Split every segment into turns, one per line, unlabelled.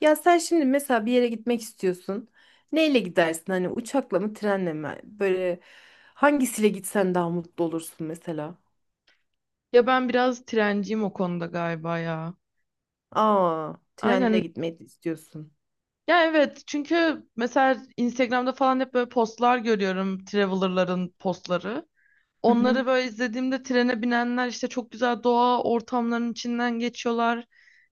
Ya sen şimdi mesela bir yere gitmek istiyorsun. Neyle gidersin? Hani uçakla mı, trenle mi? Böyle hangisiyle gitsen daha mutlu olursun mesela?
Ya ben biraz trenciyim o konuda galiba ya.
Aa, trenle
Aynen.
gitmeyi istiyorsun.
Ya evet çünkü mesela Instagram'da falan hep böyle postlar görüyorum. Traveler'ların postları.
Hı hı.
Onları böyle izlediğimde trene binenler işte çok güzel doğa ortamlarının içinden geçiyorlar.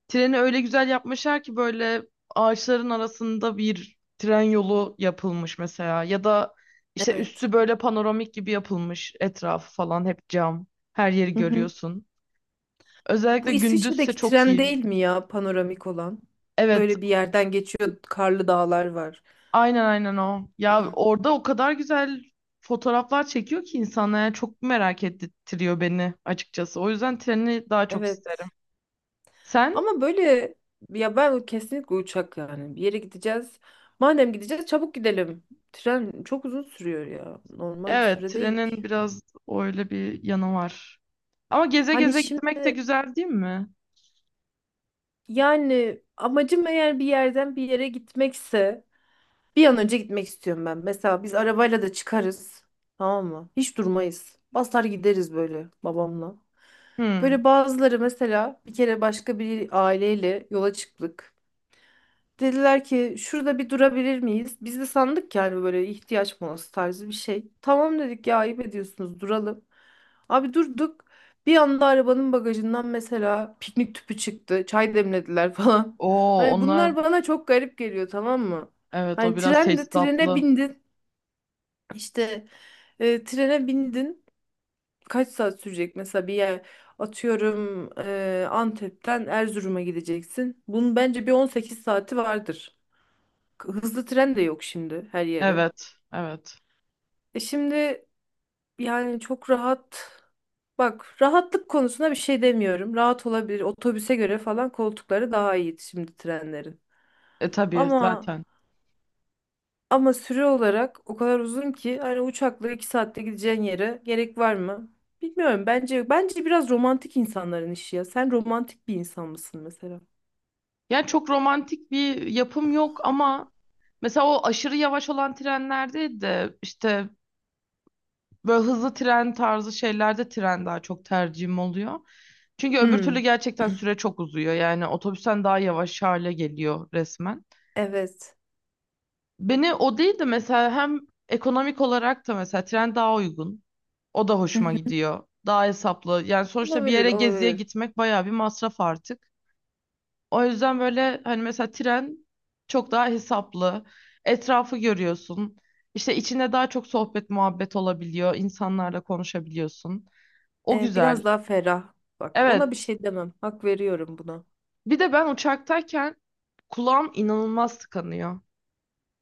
Treni öyle güzel yapmışlar ki böyle ağaçların arasında bir tren yolu yapılmış mesela. Ya da işte
Evet.
üstü böyle panoramik gibi yapılmış. Etrafı falan hep cam. Her yeri
Hı hı.
görüyorsun. Özellikle
Bu
gündüzse
İsviçre'deki
çok
tren
iyi.
değil mi ya panoramik olan?
Evet,
Böyle bir yerden geçiyor, karlı dağlar var.
aynen aynen o. Ya orada o kadar güzel fotoğraflar çekiyor ki insanlar yani çok merak ettiriyor beni açıkçası. O yüzden treni daha çok
Evet.
isterim. Sen?
Ama böyle ya ben kesinlikle uçak yani. Bir yere gideceğiz. Madem gideceğiz çabuk gidelim. Tren çok uzun sürüyor ya. Normal bir
Evet,
süre değil.
trenin biraz öyle bir yanı var. Ama geze
Hani
geze gitmek de
şimdi
güzel değil mi?
yani amacım eğer bir yerden bir yere gitmekse bir an önce gitmek istiyorum ben. Mesela biz arabayla da çıkarız. Tamam mı? Hiç durmayız. Basar gideriz böyle babamla.
Hmm.
Böyle bazıları mesela bir kere başka bir aileyle yola çıktık. Dediler ki şurada bir durabilir miyiz? Biz de sandık ki hani böyle ihtiyaç molası tarzı bir şey. Tamam dedik ya ayıp ediyorsunuz duralım. Abi durduk. Bir anda arabanın bagajından mesela piknik tüpü çıktı. Çay demlediler falan.
Oo,
Hani
onlar
bunlar bana çok garip geliyor tamam mı?
evet o
Hani
biraz
tren de trene
tesisatlı.
bindin. İşte trene bindin. Kaç saat sürecek mesela bir yer atıyorum Antep'ten Erzurum'a gideceksin. Bunun bence bir 18 saati vardır hızlı tren de yok şimdi her yere.
Evet, evet.
E şimdi yani çok rahat. Bak rahatlık konusuna bir şey demiyorum. Rahat olabilir. Otobüse göre falan koltukları daha iyi şimdi trenlerin.
E tabii
Ama
zaten.
ama süre olarak o kadar uzun ki hani uçakla 2 saatte gideceğin yere gerek var mı? Bilmiyorum. Bence biraz romantik insanların işi ya. Sen romantik bir insan mısın mesela?
Yani çok romantik bir yapım yok ama mesela o aşırı yavaş olan trenlerde de işte böyle hızlı tren tarzı şeylerde tren daha çok tercihim oluyor. Çünkü öbür türlü
Hmm,
gerçekten süre çok uzuyor. Yani otobüsten daha yavaş hale geliyor resmen.
evet.
Beni o değil de mesela hem ekonomik olarak da mesela tren daha uygun. O da
Hı
hoşuma
hı.
gidiyor. Daha hesaplı. Yani sonuçta bir
Olabilir,
yere geziye
olabilir.
gitmek bayağı bir masraf artık. O yüzden böyle hani mesela tren çok daha hesaplı. Etrafı görüyorsun. İşte içinde daha çok sohbet muhabbet olabiliyor. İnsanlarla konuşabiliyorsun. O
E,
güzel.
biraz daha ferah. Bak ona bir
Evet.
şey demem. Hak veriyorum buna.
Bir de ben uçaktayken kulağım inanılmaz tıkanıyor.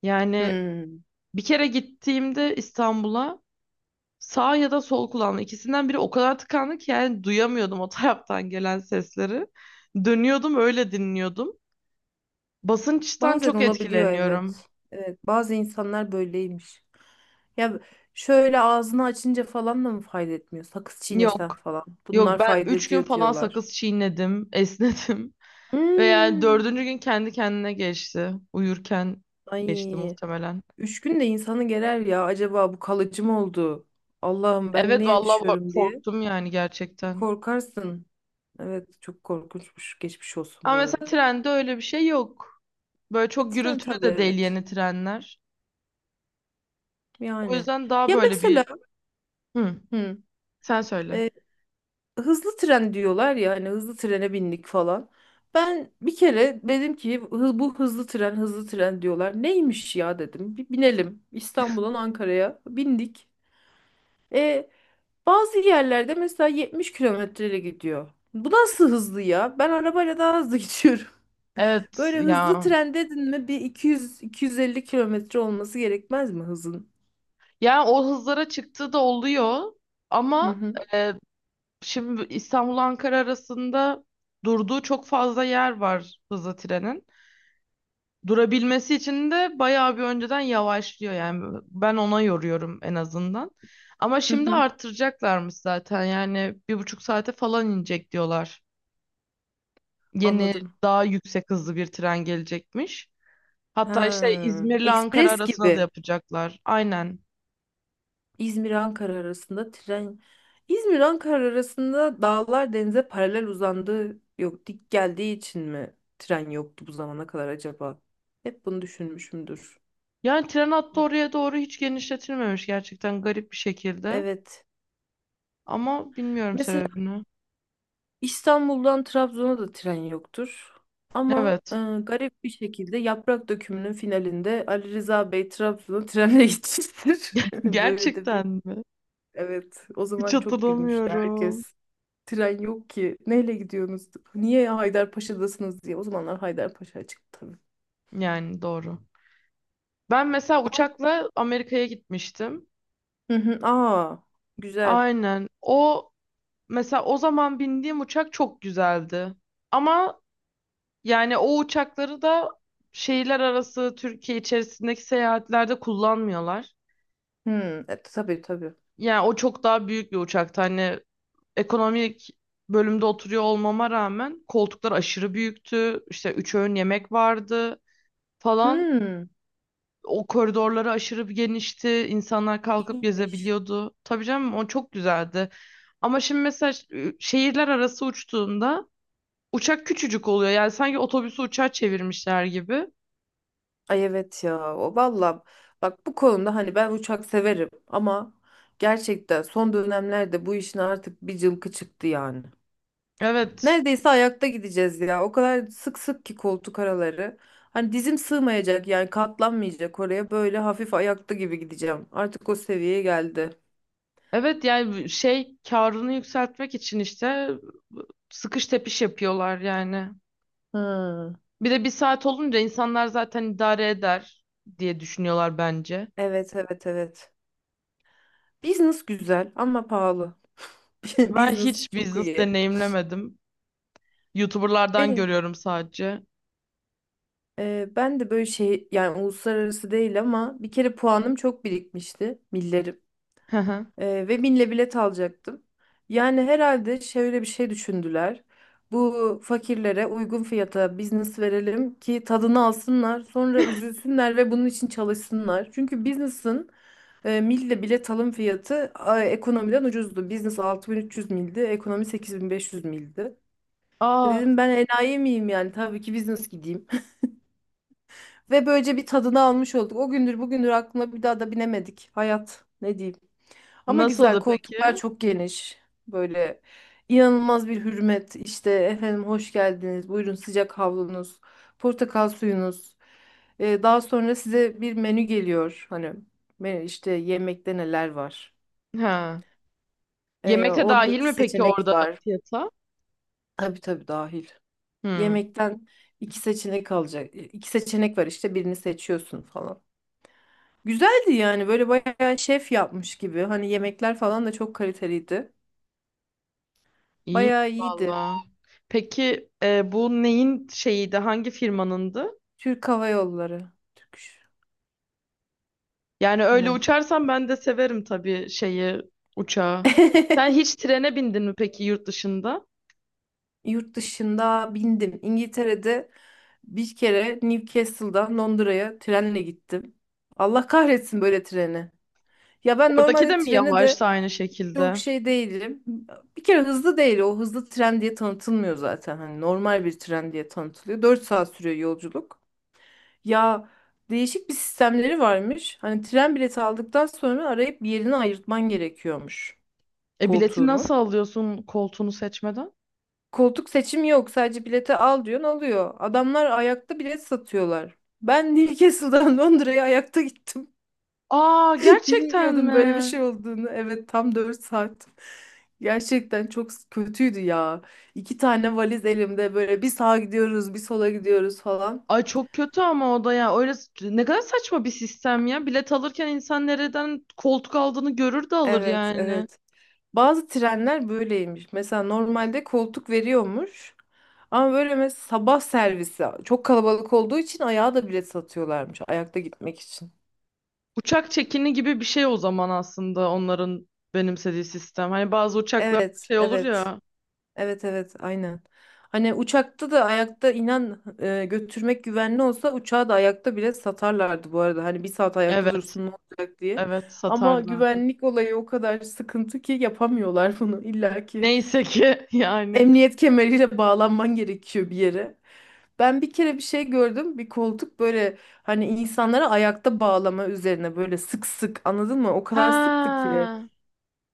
Yani
Hmm.
bir kere gittiğimde İstanbul'a sağ ya da sol kulağım ikisinden biri o kadar tıkandı ki yani duyamıyordum o taraftan gelen sesleri. Dönüyordum öyle dinliyordum. Basınçtan
Bazen
çok
olabiliyor
etkileniyorum.
evet. Evet, bazı insanlar böyleymiş. Ya şöyle ağzını açınca falan da mı fayda etmiyor? Sakız çiğnesen
Yok.
falan.
Yok
Bunlar
ben
fayda
3 gün
ediyor
falan
diyorlar.
sakız çiğnedim, esnedim. Ve yani
Hmm.
dördüncü gün kendi kendine geçti. Uyurken geçti
Ay,
muhtemelen.
üç gün de insanı gerer ya. Acaba bu kalıcı mı oldu? Allah'ım ben ne
Evet vallahi
yaşıyorum diye.
korktum yani
Bir
gerçekten.
korkarsın. Evet, çok korkunçmuş. Geçmiş olsun
Ama
bu arada.
mesela trende öyle bir şey yok. Böyle
E
çok
tren
gürültülü
tabii
de değil
evet.
yeni trenler. O
Yani.
yüzden daha
Ya
böyle
mesela
bir... Hı,
hı,
sen söyle.
hızlı tren diyorlar ya hani hızlı trene bindik falan. Ben bir kere dedim ki Bu hızlı tren hızlı tren diyorlar. Neymiş ya dedim. Bir binelim İstanbul'dan Ankara'ya bindik. E, bazı yerlerde mesela 70 kilometreyle gidiyor. Bu nasıl hızlı ya? Ben arabayla daha hızlı gidiyorum.
Evet
Böyle hızlı
ya.
tren dedin mi bir 200-250 kilometre olması gerekmez mi hızın?
Yani o hızlara çıktığı da oluyor.
Hı
Ama
hı,
e, şimdi İstanbul Ankara arasında durduğu çok fazla yer var hızlı trenin. Durabilmesi için de bayağı bir önceden yavaşlıyor yani ben ona yoruyorum en azından. Ama
hı
şimdi
hı.
artıracaklarmış zaten yani bir buçuk saate falan inecek diyorlar. Yeni
Anladım.
daha yüksek hızlı bir tren gelecekmiş.
Ha,
Hatta işte İzmir'le Ankara
ekspres
arasına da
gibi.
yapacaklar. Aynen.
İzmir-Ankara arasında tren İzmir-Ankara arasında dağlar denize paralel uzandığı yok dik geldiği için mi tren yoktu bu zamana kadar acaba? Hep bunu düşünmüşümdür.
Yani tren hattı oraya doğru hiç genişletilmemiş gerçekten garip bir şekilde.
Evet.
Ama bilmiyorum
Mesela
sebebini.
İstanbul'dan Trabzon'a da tren yoktur. Ama
Evet.
garip bir şekilde Yaprak Dökümü'nün finalinde Ali Rıza Bey Trabzon'a trenle gitmiştir. Böyle de bir,
Gerçekten mi?
evet, o
Hiç
zaman çok gülmüştü
hatırlamıyorum.
herkes. Tren yok ki. Neyle gidiyorsunuz? Niye Haydarpaşa'dasınız diye. O zamanlar Haydarpaşa çıktı tabii.
Yani doğru. Ben mesela uçakla Amerika'ya gitmiştim.
Hı hı. Aa, güzel.
Aynen. O mesela o zaman bindiğim uçak çok güzeldi. Ama yani o uçakları da şehirler arası Türkiye içerisindeki seyahatlerde kullanmıyorlar.
Hı, tabii tabii.
Yani o çok daha büyük bir uçaktı. Hani ekonomik bölümde oturuyor olmama rağmen koltuklar aşırı büyüktü. İşte üç öğün yemek vardı falan.
Hı,
O koridorları aşırı bir genişti. İnsanlar kalkıp
iyiymiş.
gezebiliyordu. Tabii canım o çok güzeldi. Ama şimdi mesela şehirler arası uçtuğunda uçak küçücük oluyor. Yani sanki otobüsü uçağa çevirmişler gibi.
Ay evet ya. O valla bak bu konuda hani ben uçak severim ama gerçekten son dönemlerde bu işin artık bir cılkı çıktı yani.
Evet.
Neredeyse ayakta gideceğiz ya. O kadar sık sık ki koltuk araları. Hani dizim sığmayacak yani katlanmayacak oraya. Böyle hafif ayakta gibi gideceğim. Artık o seviyeye geldi.
Evet yani şey karını yükseltmek için işte sıkış tepiş yapıyorlar yani.
Hmm.
Bir de bir saat olunca insanlar zaten idare eder diye düşünüyorlar bence.
Evet, evet, evet. Business güzel ama pahalı.
Ben
Business
hiç
çok
business
iyi.
deneyimlemedim. YouTuber'lardan
Beni,
görüyorum sadece.
Ben de böyle şey yani uluslararası değil ama bir kere puanım çok birikmişti. Millerim.
Hı hı.
Ve binle bilet alacaktım. Yani herhalde şöyle bir şey düşündüler. Bu fakirlere uygun fiyata business verelim ki tadını alsınlar, sonra üzülsünler ve bunun için çalışsınlar. Çünkü business'ın mille bilet alım fiyatı ekonomiden ucuzdu. Business 6300 mildi, ekonomi 8500 mildi.
Aa,
Dedim ben enayi miyim yani tabii ki business gideyim. Ve böylece bir tadını almış olduk. O gündür bugündür aklına bir daha da binemedik. Hayat ne diyeyim. Ama güzel
nasıldı
koltuklar
peki?
çok geniş. Böyle inanılmaz bir hürmet. İşte efendim hoş geldiniz. Buyurun sıcak havlunuz, portakal suyunuz. Daha sonra size bir menü geliyor. Hani menü işte yemekte neler var.
Ha. Yemek de
Orada
dahil
iki
mi peki
seçenek
orada
var.
fiyata?
Tabii tabii dahil.
Hı,
Yemekten iki seçenek alacak. İki seçenek var işte birini seçiyorsun falan. Güzeldi yani böyle bayağı şef yapmış gibi. Hani yemekler falan da çok kaliteliydi.
iyiymiş
Bayağı iyiydi.
valla. Peki bu neyin şeyiydi? Hangi firmanındı?
Türk Hava Yolları. Türk.
Yani öyle
Aynen.
uçarsan ben de severim tabii şeyi, uçağı. Sen hiç trene bindin mi peki yurt dışında?
Yurt dışında bindim. İngiltere'de bir kere Newcastle'dan Londra'ya trenle gittim. Allah kahretsin böyle treni. Ya ben
Oradaki de
normalde
mi
trene de
yavaşsa aynı
çok
şekilde?
şey değilim. Bir kere hızlı değil. O hızlı tren diye tanıtılmıyor zaten. Hani normal bir tren diye tanıtılıyor. 4 saat sürüyor yolculuk. Ya değişik bir sistemleri varmış. Hani tren bileti aldıktan sonra arayıp bir yerini ayırtman gerekiyormuş
E bileti
koltuğunu.
nasıl alıyorsun koltuğunu seçmeden?
Koltuk seçimi yok. Sadece bileti al diyorsun alıyor. Adamlar ayakta bilet satıyorlar. Ben Newcastle'dan Londra'ya ayakta gittim.
Aa gerçekten
Bilmiyordum böyle bir
mi?
şey olduğunu. Evet tam 4 saat. Gerçekten çok kötüydü ya. İki tane valiz elimde böyle bir sağa gidiyoruz bir sola gidiyoruz falan.
Ay çok kötü ama o da ya. Öyle ne kadar saçma bir sistem ya. Bilet alırken insan nereden koltuk aldığını görür de alır
Evet,
yani.
evet. Bazı trenler böyleymiş. Mesela normalde koltuk veriyormuş. Ama böyle mesela sabah servisi çok kalabalık olduğu için ayağa da bilet satıyorlarmış. Ayakta gitmek için.
Uçak çekini gibi bir şey o zaman aslında onların benimsediği sistem. Hani bazı uçaklar
Evet,
şey olur
evet.
ya.
Evet, evet, aynen. Hani uçakta da ayakta inan götürmek güvenli olsa uçağı da ayakta bile satarlardı bu arada. Hani bir saat ayakta
Evet,
dursun ne olacak diye.
evet
Ama
satarlardı.
güvenlik olayı o kadar sıkıntı ki yapamıyorlar bunu. İlla ki
Neyse ki yani.
emniyet kemeriyle bağlanman gerekiyor bir yere. Ben bir kere bir şey gördüm. Bir koltuk böyle hani insanlara ayakta bağlama üzerine böyle sık sık anladın mı? O kadar sıktı ki.
Ha,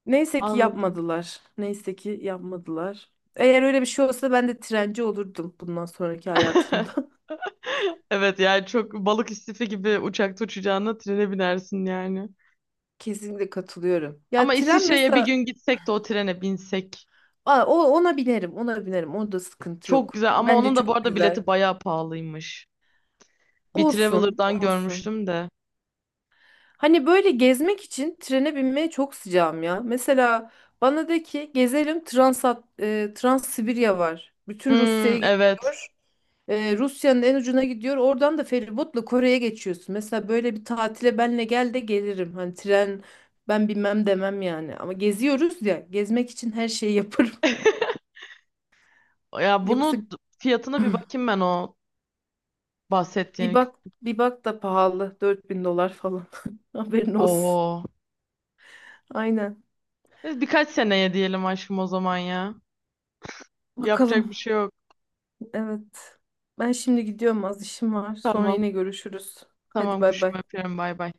Neyse ki
anladım.
yapmadılar. Neyse ki yapmadılar. Eğer öyle bir şey olsa ben de trenci olurdum bundan sonraki hayatımda.
Evet yani çok balık istifi gibi uçakta uçacağına trene binersin yani.
Kesinlikle katılıyorum. Ya
Ama
tren
İsviçre'ye bir gün
mesela.
gitsek de o trene binsek.
Aa, o ona binerim, ona binerim. Onda sıkıntı
Çok
yok.
güzel ama
Bence
onun da bu
çok
arada
güzel.
bileti bayağı pahalıymış. Bir
Olsun,
Traveler'dan
olsun.
görmüştüm de.
Hani böyle gezmek için trene binmeye çok sıcağım ya. Mesela bana de ki gezelim Transsibirya var. Bütün Rusya'ya
Hmm, evet.
gidiyor. Rusya'nın en ucuna gidiyor. Oradan da feribotla Kore'ye geçiyorsun. Mesela böyle bir tatile benle gel de gelirim. Hani tren ben bilmem demem yani. Ama geziyoruz ya. Gezmek için her şeyi yaparım.
Ya
Yoksa
bunu fiyatına bir bakayım ben o
bir
bahsettiğin.
bak bir bak da pahalı. 4.000 dolar falan. Haberin olsun.
Oho.
Aynen.
Biz birkaç seneye diyelim aşkım o zaman ya. Yapacak
Bakalım.
bir şey yok.
Evet. Ben şimdi gidiyorum az işim var. Sonra
Tamam.
yine görüşürüz. Hadi
Tamam
bay
kuşum
bay.
öpüyorum. Bay bay.